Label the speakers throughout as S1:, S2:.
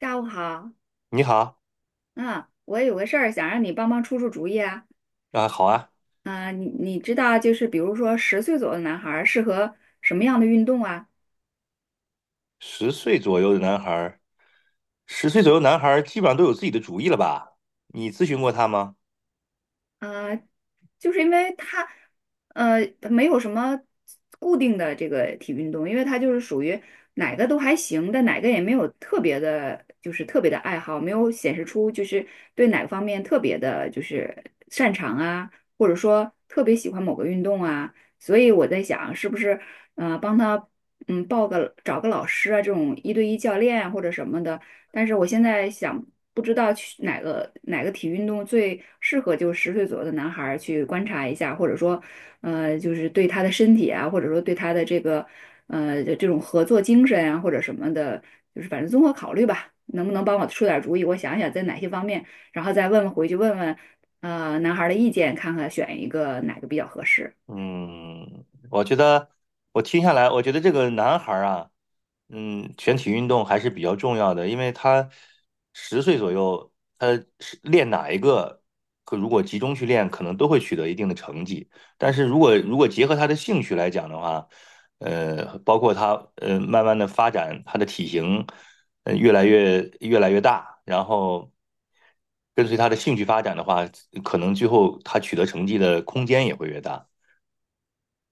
S1: 下午好，
S2: 你好。
S1: 嗯，我有个事儿想让你帮忙出出主意啊。
S2: 啊，好啊。
S1: 你知道就是比如说十岁左右的男孩儿适合什么样的运动啊？
S2: 十岁左右的男孩儿，十岁左右男孩儿基本上都有自己的主意了吧？你咨询过他吗？
S1: 呃，就是因为他，呃，没有什么固定的这个体育运动，因为他就是属于哪个都还行，但哪个也没有特别的，就是特别的爱好，没有显示出就是对哪个方面特别的，就是擅长啊，或者说特别喜欢某个运动啊，所以我在想，是不是帮他报个找个老师啊，这种一对一教练啊或者什么的。但是我现在想，不知道去哪个体育运动最适合就是十岁左右的男孩儿去观察一下，或者说，就是对他的身体啊，或者说对他的这个这种合作精神啊，或者什么的，就是反正综合考虑吧，能不能帮我出点儿主意？我想想在哪些方面，然后再问问回去问问，男孩儿的意见，看看选一个哪个比较合适。
S2: 嗯，我觉得我听下来，我觉得这个男孩儿啊。全体运动还是比较重要的，因为他十岁左右，他是练哪一个，可如果集中去练，可能都会取得一定的成绩。但是如果结合他的兴趣来讲的话，包括他慢慢的发展，他的体型越来越大，然后跟随他的兴趣发展的话，可能最后他取得成绩的空间也会越大。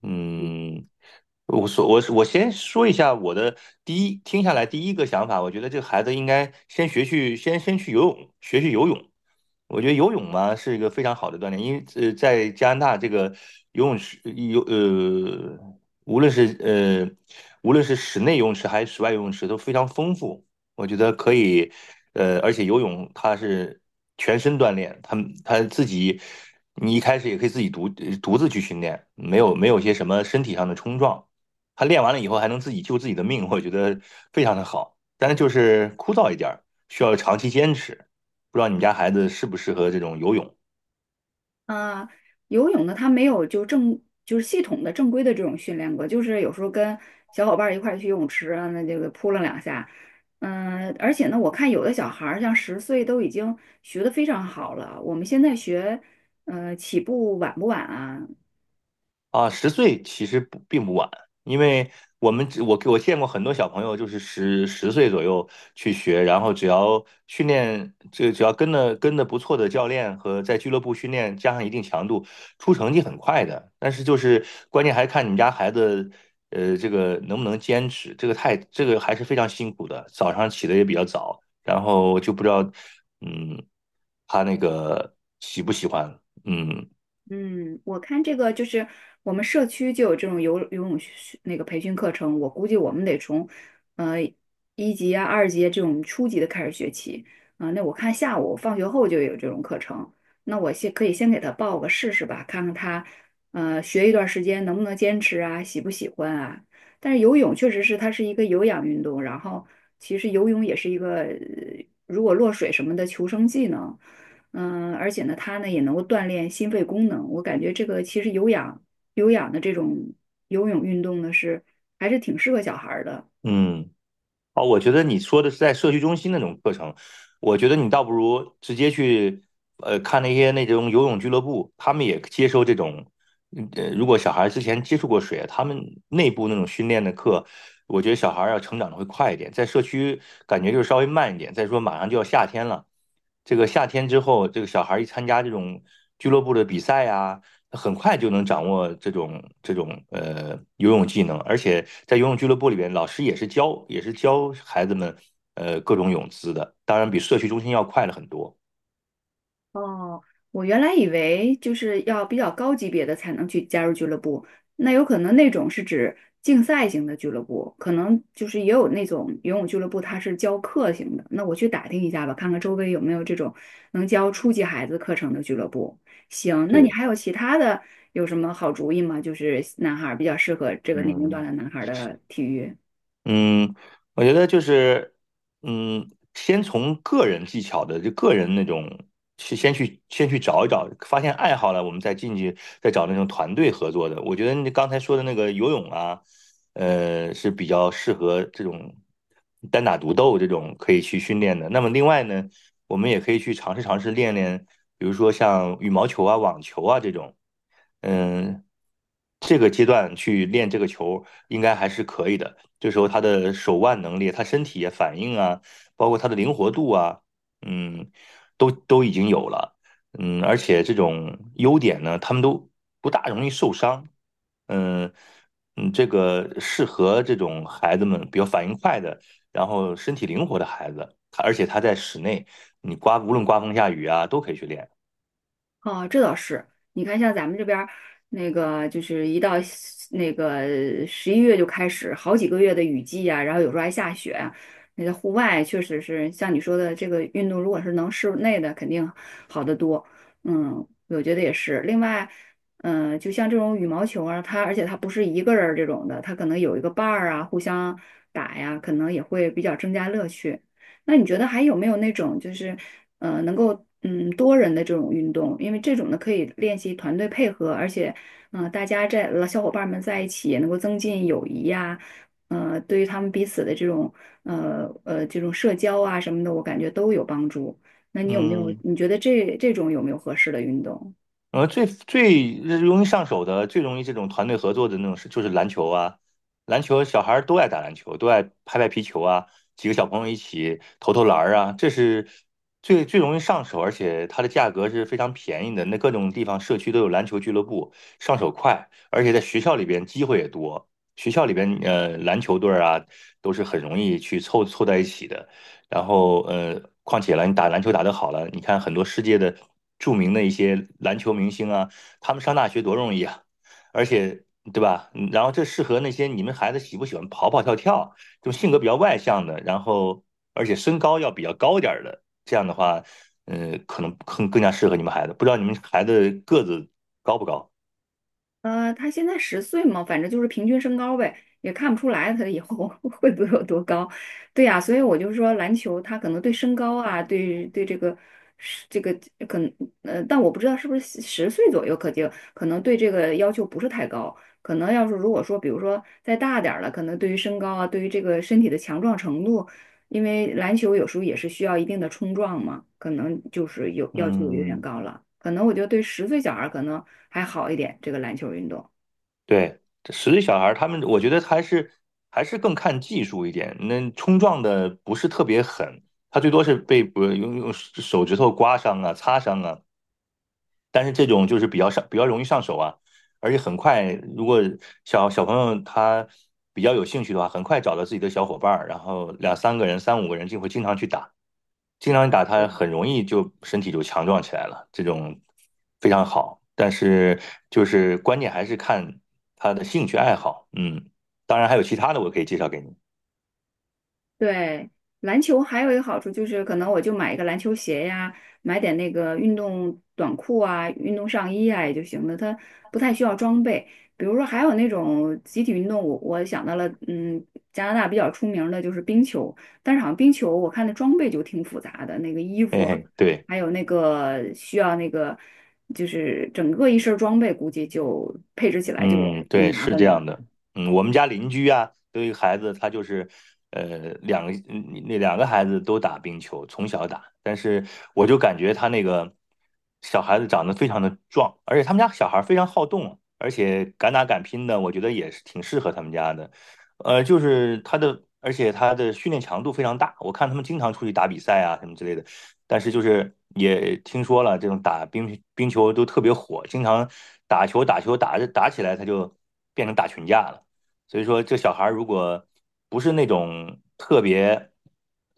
S2: 嗯，我先说一下我的第一，听下来第一个想法，我觉得这个孩子应该先去游泳，游泳。我觉得游泳嘛是一个非常好的锻炼，因为在加拿大这个游泳池无论是呃无论是室内游泳池还是室外游泳池都非常丰富。我觉得可以，而且游泳它是全身锻炼，它它自己，你一开始也可以自己独自去训练，没有些什么身体上的冲撞，他练完了以后还能自己救自己的命，我觉得非常的好。但是就是枯燥一点儿，需要长期坚持。不知道你们家孩子适不适合这种游泳？
S1: 啊，游泳呢，他没有就是系统的正规的这种训练过，就是有时候跟小伙伴儿一块儿去游泳池啊，那这个扑棱两下。嗯，而且呢，我看有的小孩儿像十岁都已经学的非常好了，我们现在学，嗯，起步晚不晚啊？
S2: 啊，十岁其实不并不晚，因为我们只我我见过很多小朋友，就是十岁左右去学，然后只要训练，这只要跟的不错的教练和在俱乐部训练，加上一定强度，出成绩很快的。但是就是关键还看你们家孩子，这个能不能坚持，这个太这个还是非常辛苦的，早上起的也比较早，然后就不知道，嗯，他那个喜不喜欢。嗯
S1: 嗯，我看这个就是我们社区就有这种游泳那个培训课程，我估计我们得从呃一级啊、二级啊这种初级的开始学起。啊、那我看下午放学后就有这种课程，那我可以先给他报个试试吧，看看他学一段时间能不能坚持啊，喜不喜欢啊。但是游泳确实是它是一个有氧运动，然后其实游泳也是一个如果落水什么的求生技能。嗯，而且呢，它呢也能够锻炼心肺功能。我感觉这个其实有氧的这种游泳运动呢，还是挺适合小孩儿的。
S2: 嗯。哦，我觉得你说的是在社区中心那种课程，我觉得你倒不如直接去，看那些那种游泳俱乐部，他们也接受这种，如果小孩之前接触过水啊，他们内部那种训练的课，我觉得小孩要成长的会快一点，在社区感觉就是稍微慢一点。再说马上就要夏天了，这个夏天之后，这个小孩一参加这种俱乐部的比赛呀。很快就能掌握这种游泳技能，而且在游泳俱乐部里边，老师也是教孩子们各种泳姿的，当然比社区中心要快了很多。
S1: 哦，我原来以为就是要比较高级别的才能去加入俱乐部，那有可能那种是指竞赛型的俱乐部，可能就是也有那种游泳俱乐部，它是教课型的。那我去打听一下吧，看看周围有没有这种能教初级孩子课程的俱乐部。行，那你
S2: 对。
S1: 还有其他的有什么好主意吗？就是男孩儿比较适合这个年龄段
S2: 嗯。
S1: 的男孩儿的体育。
S2: 嗯，我觉得就是，先从个人技巧的，就个人那种，去先去先去找一找，发现爱好了，我们再进去再找那种团队合作的。我觉得你刚才说的那个游泳啊，是比较适合这种单打独斗这种可以去训练的。那么另外呢，我们也可以去尝试尝试练练，比如说像羽毛球啊、网球啊这种。嗯，这个阶段去练这个球，应该还是可以的。这时候他的手腕能力、他身体也反应啊，包括他的灵活度啊，嗯，都已经有了。而且这种优点呢，他们都不大容易受伤。嗯嗯。这个适合这种孩子们比较反应快的，然后身体灵活的孩子。他而且他在室内，你刮无论刮风下雨啊，都可以去练。
S1: 哦，这倒是。你看，像咱们这边儿那个，就是一到西那个十一月就开始好几个月的雨季啊，然后有时候还下雪啊，那在户外确实是像你说的，这个运动如果是能室内的，肯定好得多。嗯，我觉得也是。另外，嗯、就像这种羽毛球啊，它而且它不是一个人儿这种的，它可能有一个伴儿啊，互相打呀，可能也会比较增加乐趣。那你觉得还有没有那种就是能够多人的这种运动？因为这种呢可以练习团队配合，而且大家在呃小伙伴们在一起也能够增进友谊呀、对于他们彼此的这种这种社交啊什么的，我感觉都有帮助。那你有没有？
S2: 嗯，
S1: 你觉得这种有没有合适的运动？
S2: 最最容易上手的、最容易这种团队合作的那种是，就是篮球啊。篮球小孩儿都爱打篮球，都爱拍拍皮球啊，几个小朋友一起投投篮儿啊，这是最最容易上手，而且它的价格是非常便宜的。那各种地方社区都有篮球俱乐部，上手快，而且在学校里边机会也多。学校里边篮球队儿啊，都是很容易去凑凑在一起的。然后况且了，你打篮球打得好了，你看很多世界的著名的一些篮球明星啊，他们上大学多容易啊，而且对吧？嗯然后这适合那些你们孩子喜不喜欢跑跑跳跳，就性格比较外向的，然后而且身高要比较高点儿的，这样的话，可能更加适合你们孩子。不知道你们孩子个子高不高？
S1: 呃，他现在十岁嘛，反正就是平均身高呗，也看不出来他以后 会不会有多高。对呀，所以我就说篮球，他可能对身高啊，对这个是这个可能，但我不知道是不是十岁左右，可能对这个要求不是太高。可能要是如果说，比如说再大点儿了，可能对于身高啊，对于这个身体的强壮程度，因为篮球有时候也是需要一定的冲撞嘛，可能就是有要求有点
S2: 嗯。
S1: 高了。可能我觉得对十岁小孩儿可能还好一点，这个篮球运动。
S2: 对，这实力小孩儿他们，我觉得还是更看技术一点。那冲撞的不是特别狠，他最多是被不用手指头刮伤啊、擦伤啊。但是这种就是比较容易上手啊，而且很快，如果小朋友他比较有兴趣的话，很快找到自己的小伙伴儿，然后两三个人、三五个人就会经常去打。经常打他，
S1: 对，
S2: 很容易就身体就强壮起来了，这种非常好。但是就是关键还是看他的兴趣爱好。嗯，当然还有其他的我可以介绍给你。
S1: 对，篮球还有一个好处就是，可能我就买一个篮球鞋呀，买点那个运动短裤啊、运动上衣啊也就行了，它不太需要装备。比如说，还有那种集体运动，我想到了，嗯，加拿大比较出名的就是冰球，但是好像冰球我看的装备就挺复杂的，那个衣服
S2: 嘿
S1: 啊，
S2: 嘿，对。
S1: 还有那个需要那个，就是整个一身儿装备，估计就配置起来就
S2: 嗯，
S1: 挺
S2: 对，
S1: 麻
S2: 是
S1: 烦
S2: 这
S1: 的。
S2: 样的。我们家邻居啊，都有一个孩子，他就是，呃，两个嗯那两个孩子都打冰球，从小打。但是我就感觉他那个小孩子长得非常的壮，而且他们家小孩非常好动，而且敢打敢拼的，我觉得也是挺适合他们家的。就是他的，而且他的训练强度非常大，我看他们经常出去打比赛啊什么之类的。但是就是也听说了，这种打冰球都特别火，经常打球打着打起来，他就变成打群架了。所以说，这小孩儿如果不是那种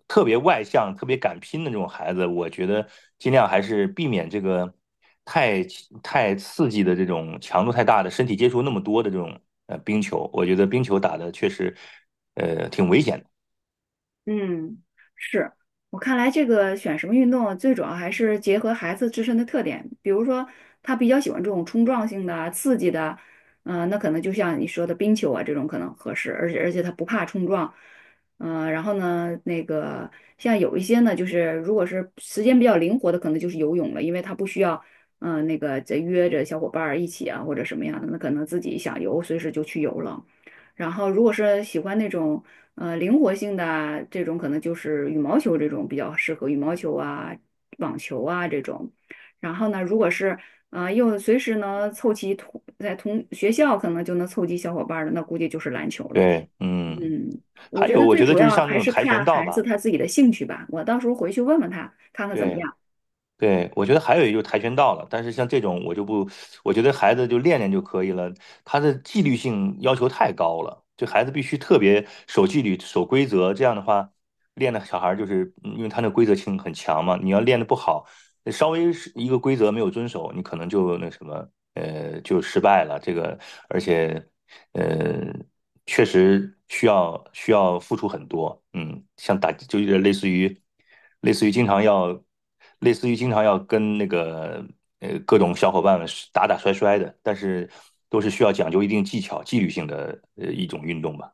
S2: 特别外向、特别敢拼的这种孩子，我觉得尽量还是避免这个太太刺激的这种强度太大的身体接触那么多的这种冰球。我觉得冰球打的确实挺危险的。
S1: 嗯，是，我看来，这个选什么运动，最主要还是结合孩子自身的特点。比如说，他比较喜欢这种冲撞性的、刺激的，嗯、那可能就像你说的冰球啊，这种可能合适，而且他不怕冲撞。嗯、然后呢，那个像有一些呢，就是如果是时间比较灵活的，可能就是游泳了，因为他不需要，嗯、那个再约着小伙伴儿一起啊，或者什么样的，那可能自己想游，随时就去游了。然后如果是喜欢那种，灵活性的啊这种可能就是羽毛球这种比较适合，羽毛球啊、网球啊这种。然后呢，如果是又随时能凑齐在同学校可能就能凑齐小伙伴儿的，那估计就是篮球了。
S2: 对。嗯，
S1: 嗯，我
S2: 还
S1: 觉
S2: 有
S1: 得
S2: 我
S1: 最
S2: 觉得
S1: 主
S2: 就是
S1: 要
S2: 像那
S1: 还
S2: 种
S1: 是
S2: 跆
S1: 看
S2: 拳道
S1: 孩子
S2: 吧。
S1: 他自己的兴趣吧。我到时候回去问问他，看看怎么
S2: 对
S1: 样。
S2: 对，我觉得还有一个就是跆拳道了，但是像这种我就不，我觉得孩子就练练就可以了，他的纪律性要求太高了，就孩子必须特别守纪律、守规则，这样的话，练的小孩儿就是，因为他那规则性很强嘛，你要练的不好，稍微是一个规则没有遵守，你可能就那什么，就失败了。这个，而且，呃，确实需要付出很多。嗯，像打就有点类似于经常要，类似于经常要跟那个各种小伙伴们是打打摔摔的，但是都是需要讲究一定技巧、纪律性的一种运动吧。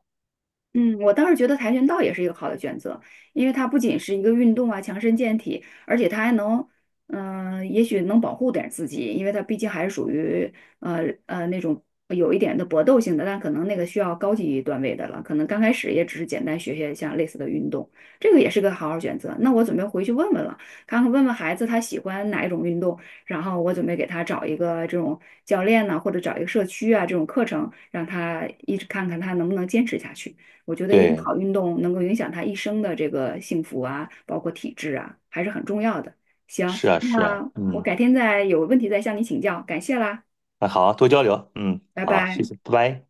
S1: 嗯，我倒是觉得跆拳道也是一个好的选择，因为它不仅是一个运动啊，强身健体，而且它还能，嗯、也许能保护点儿自己，因为它毕竟还是属于那种有一点的搏斗性的，但可能那个需要高级段位的了，可能刚开始也只是简单学学像类似的运动，这个也是个好选择。那我准备回去问问了，看看问问孩子他喜欢哪一种运动，然后我准备给他找一个这种教练呢，或者找一个社区啊这种课程，让他一直看看他能不能坚持下去。我觉得一个
S2: 对，
S1: 好运动能够影响他一生的这个幸福啊，包括体质啊，还是很重要的。行，
S2: 是啊，是啊，
S1: 那我
S2: 嗯，
S1: 改天再有问题再向你请教，感谢啦，
S2: 那好，多交流，嗯，
S1: 拜
S2: 好，谢
S1: 拜。
S2: 谢，拜拜。